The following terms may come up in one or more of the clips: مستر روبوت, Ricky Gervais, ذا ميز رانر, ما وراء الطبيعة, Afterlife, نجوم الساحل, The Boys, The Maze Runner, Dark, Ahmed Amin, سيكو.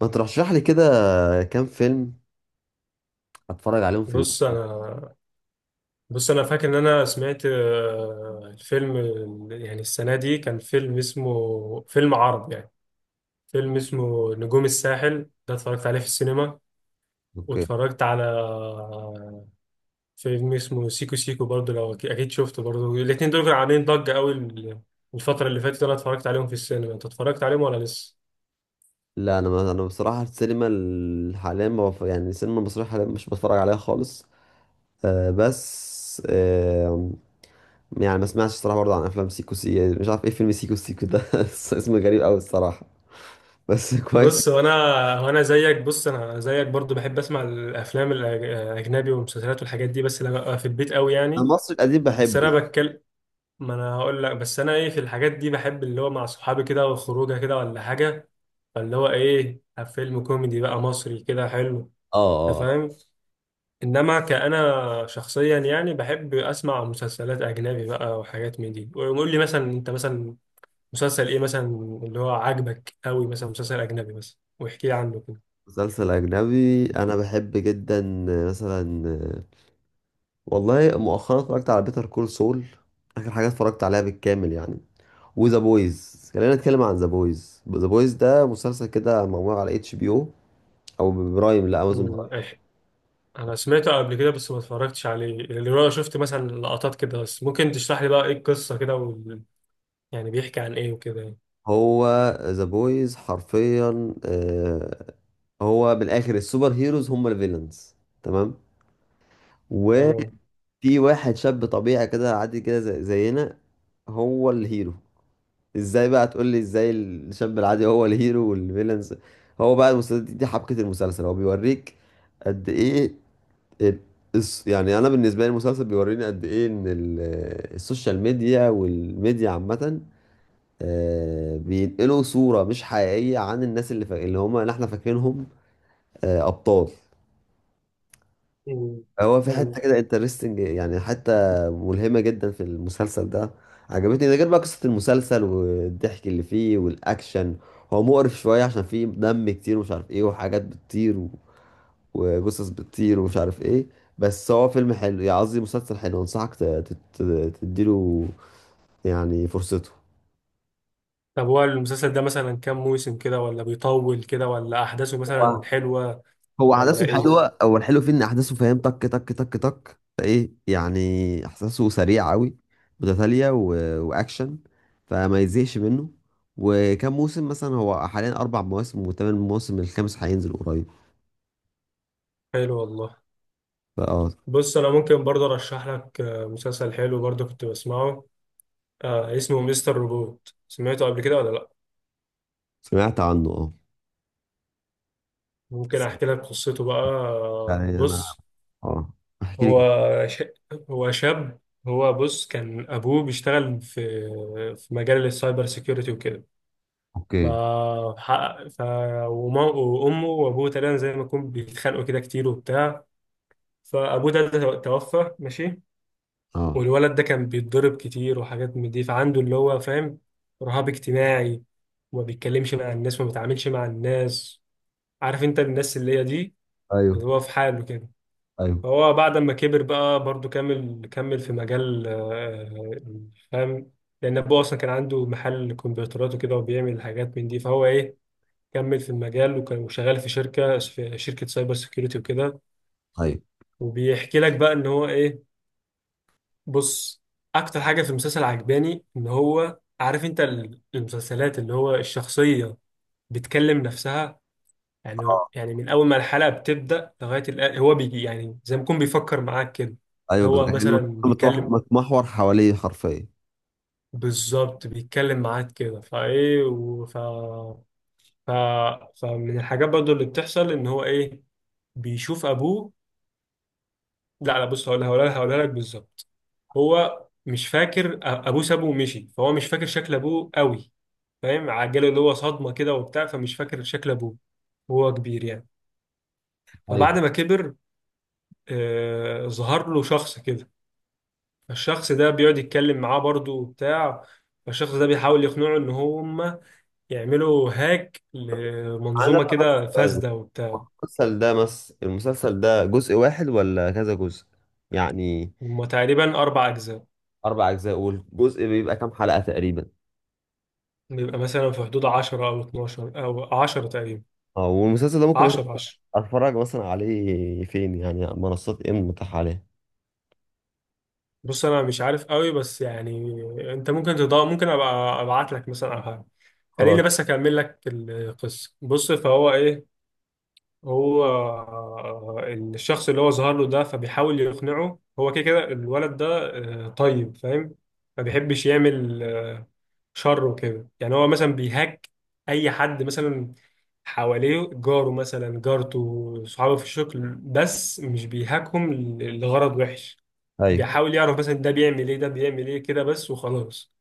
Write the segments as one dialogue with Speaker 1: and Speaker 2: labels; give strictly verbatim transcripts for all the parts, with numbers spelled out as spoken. Speaker 1: ما ترشح لي كده، كام فيلم اتفرج عليهم في
Speaker 2: بص
Speaker 1: الويكند؟
Speaker 2: انا بص انا فاكر ان انا سمعت آه، الفيلم ال- يعني السنه دي كان فيلم اسمه فيلم عربي يعني. فيلم اسمه نجوم الساحل ده اتفرجت عليه في السينما.
Speaker 1: اوكي.
Speaker 2: واتفرجت على آه، فيلم اسمه سيكو سيكو برضه. لو أكي- اكيد شفته برضه. الاتنين دول كانوا عاملين ضجه قوي ال- الفتره اللي فاتت. انا اتفرجت عليهم في السينما. انت اتفرجت عليهم ولا لسه؟
Speaker 1: لا، انا، ما انا بصراحه، السينما ال- حاليا ما بف... يعني السينما المصريه حاليا مش بتفرج عليها خالص. آه بس، آه يعني ما سمعتش الصراحه برضه عن افلام سيكو سي يعني مش عارف ايه فيلم سيكو سيكو ده اسمه غريب قوي الصراحه، بس كويس.
Speaker 2: بص وانا وانا زيك بص انا زيك برضو بحب اسمع الافلام الأج- الاجنبي والمسلسلات والحاجات دي، بس لما ابقى في البيت قوي
Speaker 1: انا
Speaker 2: يعني.
Speaker 1: المصري القديم
Speaker 2: بس انا
Speaker 1: بحبه.
Speaker 2: بتكلم ما انا هقول لك، بس انا ايه، في الحاجات دي بحب اللي هو مع صحابي كده وخروجه كده ولا حاجه. فاللي هو ايه، فيلم كوميدي بقى مصري كده حلو.
Speaker 1: اه،
Speaker 2: انت
Speaker 1: اه.
Speaker 2: فاهم؟ انما كأنا شخصيا يعني بحب اسمع مسلسلات اجنبي بقى وحاجات من دي. ويقول لي مثلا، انت مثلا مسلسل ايه مثلا اللي هو عاجبك قوي، مثلا مسلسل اجنبي مثلا، واحكي لي عنه كده.
Speaker 1: مسلسل اجنبي انا بحب جدا، آه، مثلا، آه، والله مؤخرا اتفرجت على بيتر كول سول. اخر حاجه اتفرجت عليها بالكامل، يعني. وذا بويز، خلينا نتكلم عن ذا بويز. ذا بويز ده مسلسل كده معمول على اتش بي او، او برايم، لا، امازون
Speaker 2: امم
Speaker 1: برايم.
Speaker 2: إيه. انا سمعته قبل كده بس ما اتفرجتش عليه. اللي هو شفت مثلا لقطات كده بس. ممكن تشرح لي بقى ايه القصه كده وال... يعني بيحكي عن ايه وكده يعني؟
Speaker 1: هو ذا بويز حرفيا. آه، هو بالاخر السوبر هيروز هم الفيلنز. تمام.
Speaker 2: تمام.
Speaker 1: وفي واحد شاب طبيعي كده، عادي كده، زي- زينا. هو الهيرو. ازاي بقى؟ تقول لي ازاي الشاب العادي هو الهيرو والفيلنز؟ هو بقى المسلسل، دي, دي حبكة المسلسل، هو بيوريك قد ايه ال- الس- يعني انا بالنسبه لي المسلسل بيوريني قد ايه ان ال- السوشيال ميديا والميديا عامه، آه، بينقلوا صوره مش حقيقيه عن الناس اللي فا... اللي هم اللي احنا فاكرينهم، آه، ابطال.
Speaker 2: مم.
Speaker 1: هو في حته
Speaker 2: فهمت.
Speaker 1: كده انترستنج، يعني حته ملهمه جدا في المسلسل ده. عجبتني، ده غير بقى قصه المسلسل والضحك اللي فيه والاكشن. هو مقرف شويه عشان فيه دم كتير ومش عارف ايه، وحاجات بتطير، وجثث بتطير ومش عارف ايه. بس هو فيلم حلو، يعني قصدي مسلسل حلو، انصحك ت- تت- تديله يعني فرصته.
Speaker 2: طب هو المسلسل ده مثلا كام موسم كده، ولا بيطول كده، ولا احداثه مثلا
Speaker 1: هو
Speaker 2: حلوة
Speaker 1: هو
Speaker 2: ولا
Speaker 1: احداثه
Speaker 2: ايه؟
Speaker 1: حلوه. هو الحلو فيه ان احداثه، فاهم، تك تك تك تك، ايه يعني احساسه سريع قوي، متتالية، و... واكشن، فما يزهقش منه. وكم موسم مثلا؟ هو حاليا اربع مواسم وثمان مواسم، الخامس هينزل قريب.
Speaker 2: حلو والله.
Speaker 1: فاه
Speaker 2: بص انا ممكن برضه ارشح لك آه، مسلسل حلو برضه كنت بسمعه. آه اسمه مستر روبوت. سمعته قبل كده ولا لا؟
Speaker 1: سمعت عنه، اه.
Speaker 2: ممكن احكي لك قصته بقى. آه،
Speaker 1: يعني انا،
Speaker 2: بص،
Speaker 1: اه، احكي
Speaker 2: هو
Speaker 1: لك.
Speaker 2: ش... هو شاب. هو بص كان ابوه بيشتغل في في مجال السايبر سيكيورتي وكده. ف...
Speaker 1: اوكي.
Speaker 2: حقق- ف... وما... وأمه وأبوه تقريبا زي ما يكون بيتخانقوا كده كتير وبتاع. فأبوه ده ده توفى ماشي.
Speaker 1: اه.
Speaker 2: والولد ده كان بيتضرب كتير وحاجات من دي، فعنده اللي هو فاهم، رهاب اجتماعي. وما بيتكلمش مع الناس وما بيتعاملش مع الناس. عارف انت الناس اللي هي دي، اللي
Speaker 1: ايوه،
Speaker 2: هو في حاله كده.
Speaker 1: ايوه،
Speaker 2: فهو بعد ما كبر بقى برضه كمل كمل في مجال آه، فاهم. لأن أبوه أصلا كان عنده محل كمبيوترات وكده وبيعمل حاجات من دي. فهو إيه، كمل في المجال وكان شغال في شركة في شركة سايبر سيكيورتي وكده.
Speaker 1: ايوه.
Speaker 2: وبيحكي لك بقى ان هو ايه. بص، اكتر حاجة في المسلسل عجباني ان هو، عارف انت، ال- المسلسلات اللي هو الشخصية بتكلم نفسها. يعني
Speaker 1: اه.
Speaker 2: يعني من اول ما الحلقة بتبدأ لغاية الآن، هو بيجي يعني زي ما يكون بيفكر معاك كده.
Speaker 1: ايوه،
Speaker 2: اللي
Speaker 1: بالظبط،
Speaker 2: هو
Speaker 1: يعني
Speaker 2: مثلا
Speaker 1: المسلسل متوح-
Speaker 2: بيكلم،
Speaker 1: متمحور حواليه حرفيا.
Speaker 2: بالظبط بيتكلم معاك كده. فايه وف ف... ف فمن الحاجات برضو اللي بتحصل ان هو ايه، بيشوف ابوه. لا، لا، بص، هقول هقولها هقولها لك بالظبط. هو مش فاكر، أ- ابوه سابه ومشي، فهو مش فاكر شكل ابوه قوي. فاهم، عجله اللي هو صدمه كده وبتاع، فمش فاكر شكل ابوه وهو كبير يعني.
Speaker 1: ايوه.
Speaker 2: فبعد ما كبر، آه ظهر له شخص كده. فالشخص ده بيقعد يتكلم معاه برضه وبتاع. فالشخص ده بيحاول يقنعه ان هم يعملوا هاك
Speaker 1: انا
Speaker 2: لمنظومه
Speaker 1: ده بس
Speaker 2: كده
Speaker 1: سؤال:
Speaker 2: فاسده وبتاع.
Speaker 1: المسلسل ده مس المسلسل ده جزء واحد ولا كذا جزء يعني؟
Speaker 2: هم تقريبا اربع اجزاء.
Speaker 1: اربع اجزاء؟ اقول جزء بيبقى كام حلقة تقريبا؟
Speaker 2: بيبقى مثلا في حدود عشر او اثنا عشر او عشرة تقريبا.
Speaker 1: اه، والمسلسل ده ممكن مثلا
Speaker 2: عشرة عشرة.
Speaker 1: اتفرج مثلا عليه فين؟ يعني منصات ايه المتاحة عليه؟
Speaker 2: بص انا مش عارف قوي بس يعني، انت ممكن تضاء، ممكن ابقى ابعت لك مثلا او حاجه. خليني
Speaker 1: خلاص.
Speaker 2: بس اكمل لك القصه. بص، فهو ايه، هو آه، الشخص اللي هو ظهر له ده، فبيحاول يقنعه. هو كده كده الولد ده، آه، طيب فاهم، ما بيحبش يعمل آه، شر وكده يعني. هو مثلا بيهاك اي حد مثلا حواليه، جاره مثلا، جارته، صحابه في الشغل، بس مش بيهاكهم ل- لغرض وحش.
Speaker 1: ايوه،
Speaker 2: بيحاول يعرف مثلا ده بيعمل ايه، ده بيعمل ايه كده بس وخلاص.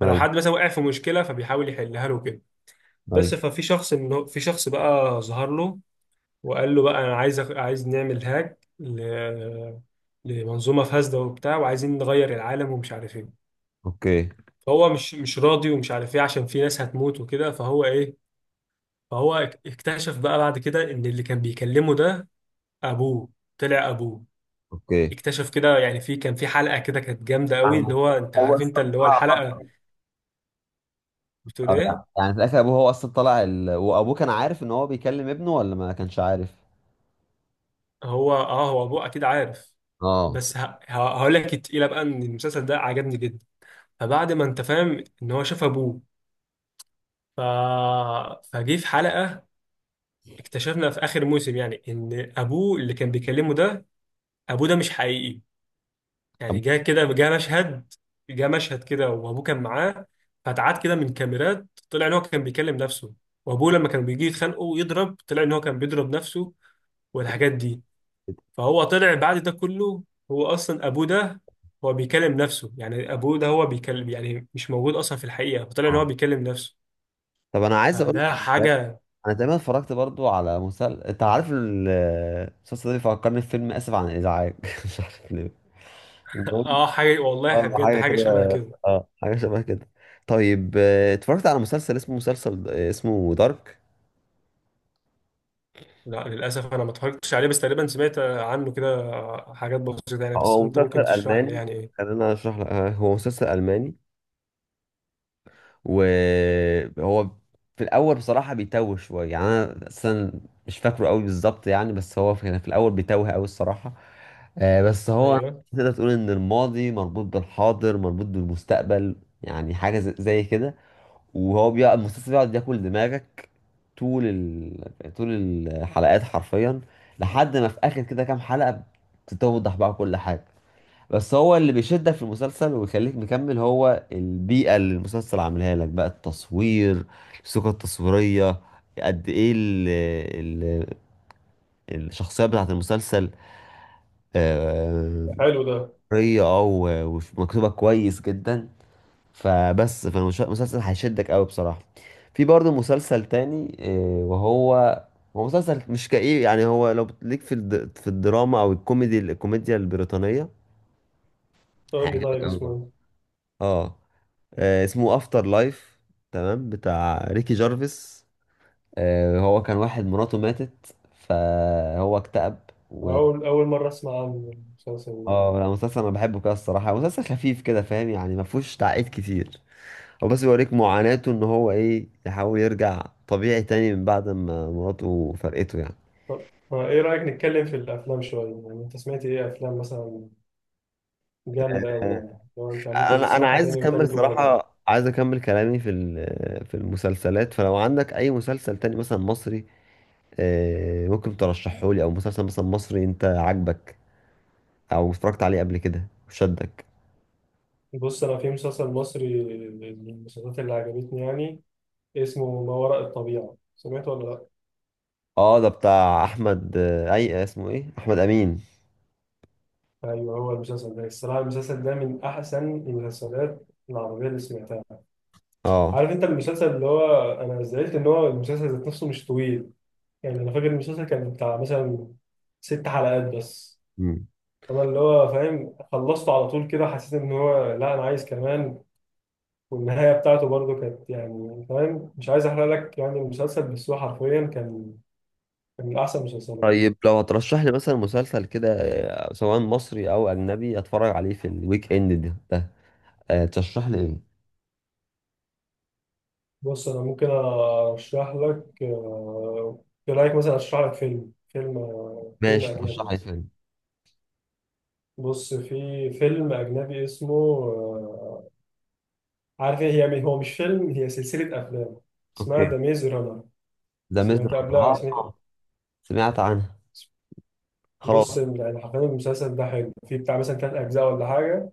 Speaker 2: فلو
Speaker 1: ايوه،
Speaker 2: حد مثلا وقع في مشكله فبيحاول يحلها له كده. بس
Speaker 1: ايوه.
Speaker 2: ففي شخص، ان هو- في شخص بقى ظهر له وقال له بقى، انا عايز أخ- عايز نعمل هاك ل... لمنظومه فاسده وبتاع، وعايزين نغير العالم ومش عارف ايه.
Speaker 1: اوكي،
Speaker 2: فهو مش مش راضي ومش عارف ايه، عشان في ناس هتموت وكده. فهو ايه، فهو اك- اكتشف بقى بعد كده ان اللي كان بيكلمه ده، ابوه، طلع ابوه.
Speaker 1: اوكي.
Speaker 2: اكتشف كده يعني. في كان في حلقه كده كانت جامده قوي،
Speaker 1: يعني،
Speaker 2: اللي هو انت
Speaker 1: هو
Speaker 2: عارف انت
Speaker 1: أصلاً
Speaker 2: اللي هو الحلقه
Speaker 1: طلع-
Speaker 2: بتقول
Speaker 1: أو
Speaker 2: ايه.
Speaker 1: يعني يعني في الاخر ابوه هو اصلا طلع ال... وابوه كان عارف ان هو بيكلم ابنه ولا ما كانش عارف؟
Speaker 2: هو، اه، هو ابوه اكيد عارف.
Speaker 1: اه.
Speaker 2: بس ه... ه... هقول لك التقيله بقى، ان المسلسل ده عجبني جدا. فبعد ما انت فاهم ان هو شاف ابوه، ف... فجه في حلقه اكتشفنا في اخر موسم يعني، ان ابوه اللي كان بيكلمه ده، ابوه ده مش حقيقي.
Speaker 1: طب
Speaker 2: يعني جه كده، جه مشهد جه مشهد كده وابوه كان معاه. فتعاد كده من كاميرات، طلع ان هو كان بيكلم نفسه. وابوه لما كان بيجي يتخانقوا ويضرب، طلع ان هو كان بيضرب نفسه والحاجات دي. فهو طلع بعد ده كله، هو اصلا ابوه ده، هو بيكلم نفسه يعني. ابوه ده هو بيكلم يعني، مش موجود اصلا في الحقيقه، فطلع
Speaker 1: اه
Speaker 2: ان هو بيكلم نفسه.
Speaker 1: طب انا عايز اقول
Speaker 2: فده
Speaker 1: لك،
Speaker 2: حاجه.
Speaker 1: انا تقريبا اتفرجت برضو على مسلسل، انت عارف، ال- المسلسل ده بيفكرني في فيلم اسف عن الازعاج مش عارف ليه. المهم.
Speaker 2: اه، حاجه والله
Speaker 1: اه،
Speaker 2: بجد،
Speaker 1: حاجه
Speaker 2: حاجه
Speaker 1: كده.
Speaker 2: شبه كده.
Speaker 1: اه، حاجه شبه كده. طيب، آه، اتفرجت على مسلسل اسمه مسلسل آه، اسمه دارك.
Speaker 2: لا، للاسف انا ما اتفرجتش عليه، بس تقريبا سمعت عنه كده حاجات بسيطه يعني.
Speaker 1: آه،
Speaker 2: بس
Speaker 1: هو
Speaker 2: انت
Speaker 1: مسلسل
Speaker 2: ممكن تشرح لي
Speaker 1: الماني،
Speaker 2: يعني ايه؟
Speaker 1: خلينا اشرح لك، آه، هو مسلسل الماني. وهو في الاول بصراحه بيتوه شويه، يعني انا اصلا مش فاكره قوي بالظبط يعني، بس هو كان في الاول بيتوه قوي الصراحه. آه، بس هو
Speaker 2: ايوه،
Speaker 1: تقدر تقول ان الماضي مربوط بالحاضر مربوط بالمستقبل، يعني حاجه ز- زي كده. وهو بيقعد، المسلسل بيقعد ياكل دماغك، طول ال... طول الحلقات حرفيا، لحد ما في اخر كده كام حلقه بتتوضح بقى كل حاجه. بس هو اللي بيشدك في المسلسل ويخليك مكمل هو البيئة اللي المسلسل عاملها لك بقى، التصوير، الثقة التصويرية، قد ايه ال ال الشخصية بتاعت المسلسل، آه،
Speaker 2: حلو ده.
Speaker 1: طرية، اه، و- ومكتوبة كويس جدا، فبس فالمسلسل هيشدك قوي بصراحة. في برضه مسلسل تاني، آه، وهو هو مسلسل مش كئيب، يعني هو لو ليك في الد- في الدراما او الكوميدي الكوميديا البريطانية،
Speaker 2: قول لي
Speaker 1: هيعجبك
Speaker 2: طيب
Speaker 1: قوي.
Speaker 2: اسمه
Speaker 1: اه. آه، اسمه افتر لايف، تمام، بتاع ريكي جارفيس. آه، هو كان واحد مراته ماتت فهو اكتئب،
Speaker 2: ايه.
Speaker 1: و
Speaker 2: اول اول مره اسمع عن المسلسل ده.
Speaker 1: اه لا، مسلسل انا بحبه كده الصراحه، مسلسل خفيف كده فاهم، يعني ما فيهوش تعقيد كتير. هو بس بيوريك معاناته ان هو ايه، يحاول يرجع طبيعي تاني من بعد ما مراته فرقته يعني.
Speaker 2: طب آه، ايه رايك نتكلم في الافلام شويه يعني. انت سمعت ايه افلام مثلا جامدة أوي،
Speaker 1: آه،
Speaker 2: يعني لو أنت ممكن
Speaker 1: انا انا
Speaker 2: تسمعها
Speaker 1: عايز
Speaker 2: تاني
Speaker 1: اكمل
Speaker 2: وتالت ورابع؟
Speaker 1: صراحه، عايز اكمل كلامي في ال- في المسلسلات، فلو عندك اي مسلسل تاني مثلا مصري، آه، ممكن ترشحه لي، او مسلسل مثلا مصري انت عاجبك او اتفرجت عليه قبل كده وشدك؟
Speaker 2: بص، أنا في مسلسل مصري من المسلسلات اللي عجبتني يعني، اسمه ما وراء الطبيعة. سمعته ولا لأ؟
Speaker 1: اه، ده بتاع احمد، آه، اي اسمه ايه، احمد امين.
Speaker 2: أيوه، هو المسلسل ده الصراحة، المسلسل ده من أحسن المسلسلات العربية اللي سمعتها.
Speaker 1: اه.
Speaker 2: عارف أنت المسلسل اللي هو، أنا زعلت إن هو المسلسل ذات نفسه مش طويل. يعني أنا فاكر المسلسل كان بتاع مثلا ست حلقات بس.
Speaker 1: مم.
Speaker 2: أنا اللي هو فاهم، خلصته على طول كده، حسيت إن هو، لا أنا عايز كمان. والنهاية بتاعته برضه كانت يعني فاهم، مش عايز أحرق لك يعني المسلسل، بس هو حرفيا كان كان من أحسن المسلسلات.
Speaker 1: طيب، لو هترشح لي مثلا مسلسل كده، آه، سواء مصري او اجنبي اتفرج عليه في الويك اند ده, ده. آه، ترشح لي ايه؟
Speaker 2: بص، أنا ممكن أرشح لك آه، إيه رأيك مثلا أرشح لك فيلم، فيلم آه، فيلم
Speaker 1: ماشي،
Speaker 2: أجنبي
Speaker 1: ترشح لي
Speaker 2: مثلا.
Speaker 1: فيلم.
Speaker 2: بص، في فيلم أجنبي اسمه آه، عارف إيه، هي هو مش فيلم، هي سلسلة أفلام اسمها
Speaker 1: اوكي،
Speaker 2: ذا ميز رانر.
Speaker 1: ذا ميز
Speaker 2: سمعت
Speaker 1: رانر.
Speaker 2: قبلها؟ سمعت؟
Speaker 1: اه، سمعت عنها.
Speaker 2: بص
Speaker 1: خلاص.
Speaker 2: يعني حرفيا، المسلسل ده حلو، فيه بتاع مثلا تلات أجزاء ولا حاجة،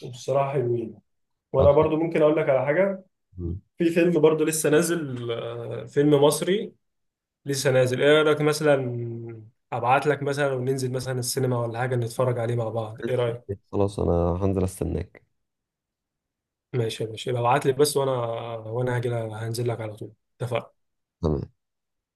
Speaker 2: وبصراحة حلوين.
Speaker 1: طب.
Speaker 2: وأنا برضو ممكن أقول لك على حاجة.
Speaker 1: مم.
Speaker 2: في فيلم برضه لسه نازل، آه، فيلم مصري لسه نازل. ايه رأيك مثلا ابعت لك مثلا وننزل مثلا السينما ولا حاجة، نتفرج عليه مع بعض؟ ايه رأيك؟
Speaker 1: خلاص، انا هنزل استناك.
Speaker 2: ماشي، ماشي، ابعت لي بس وانا، وانا هاجي، هنزل لك على طول. اتفقنا؟
Speaker 1: تمام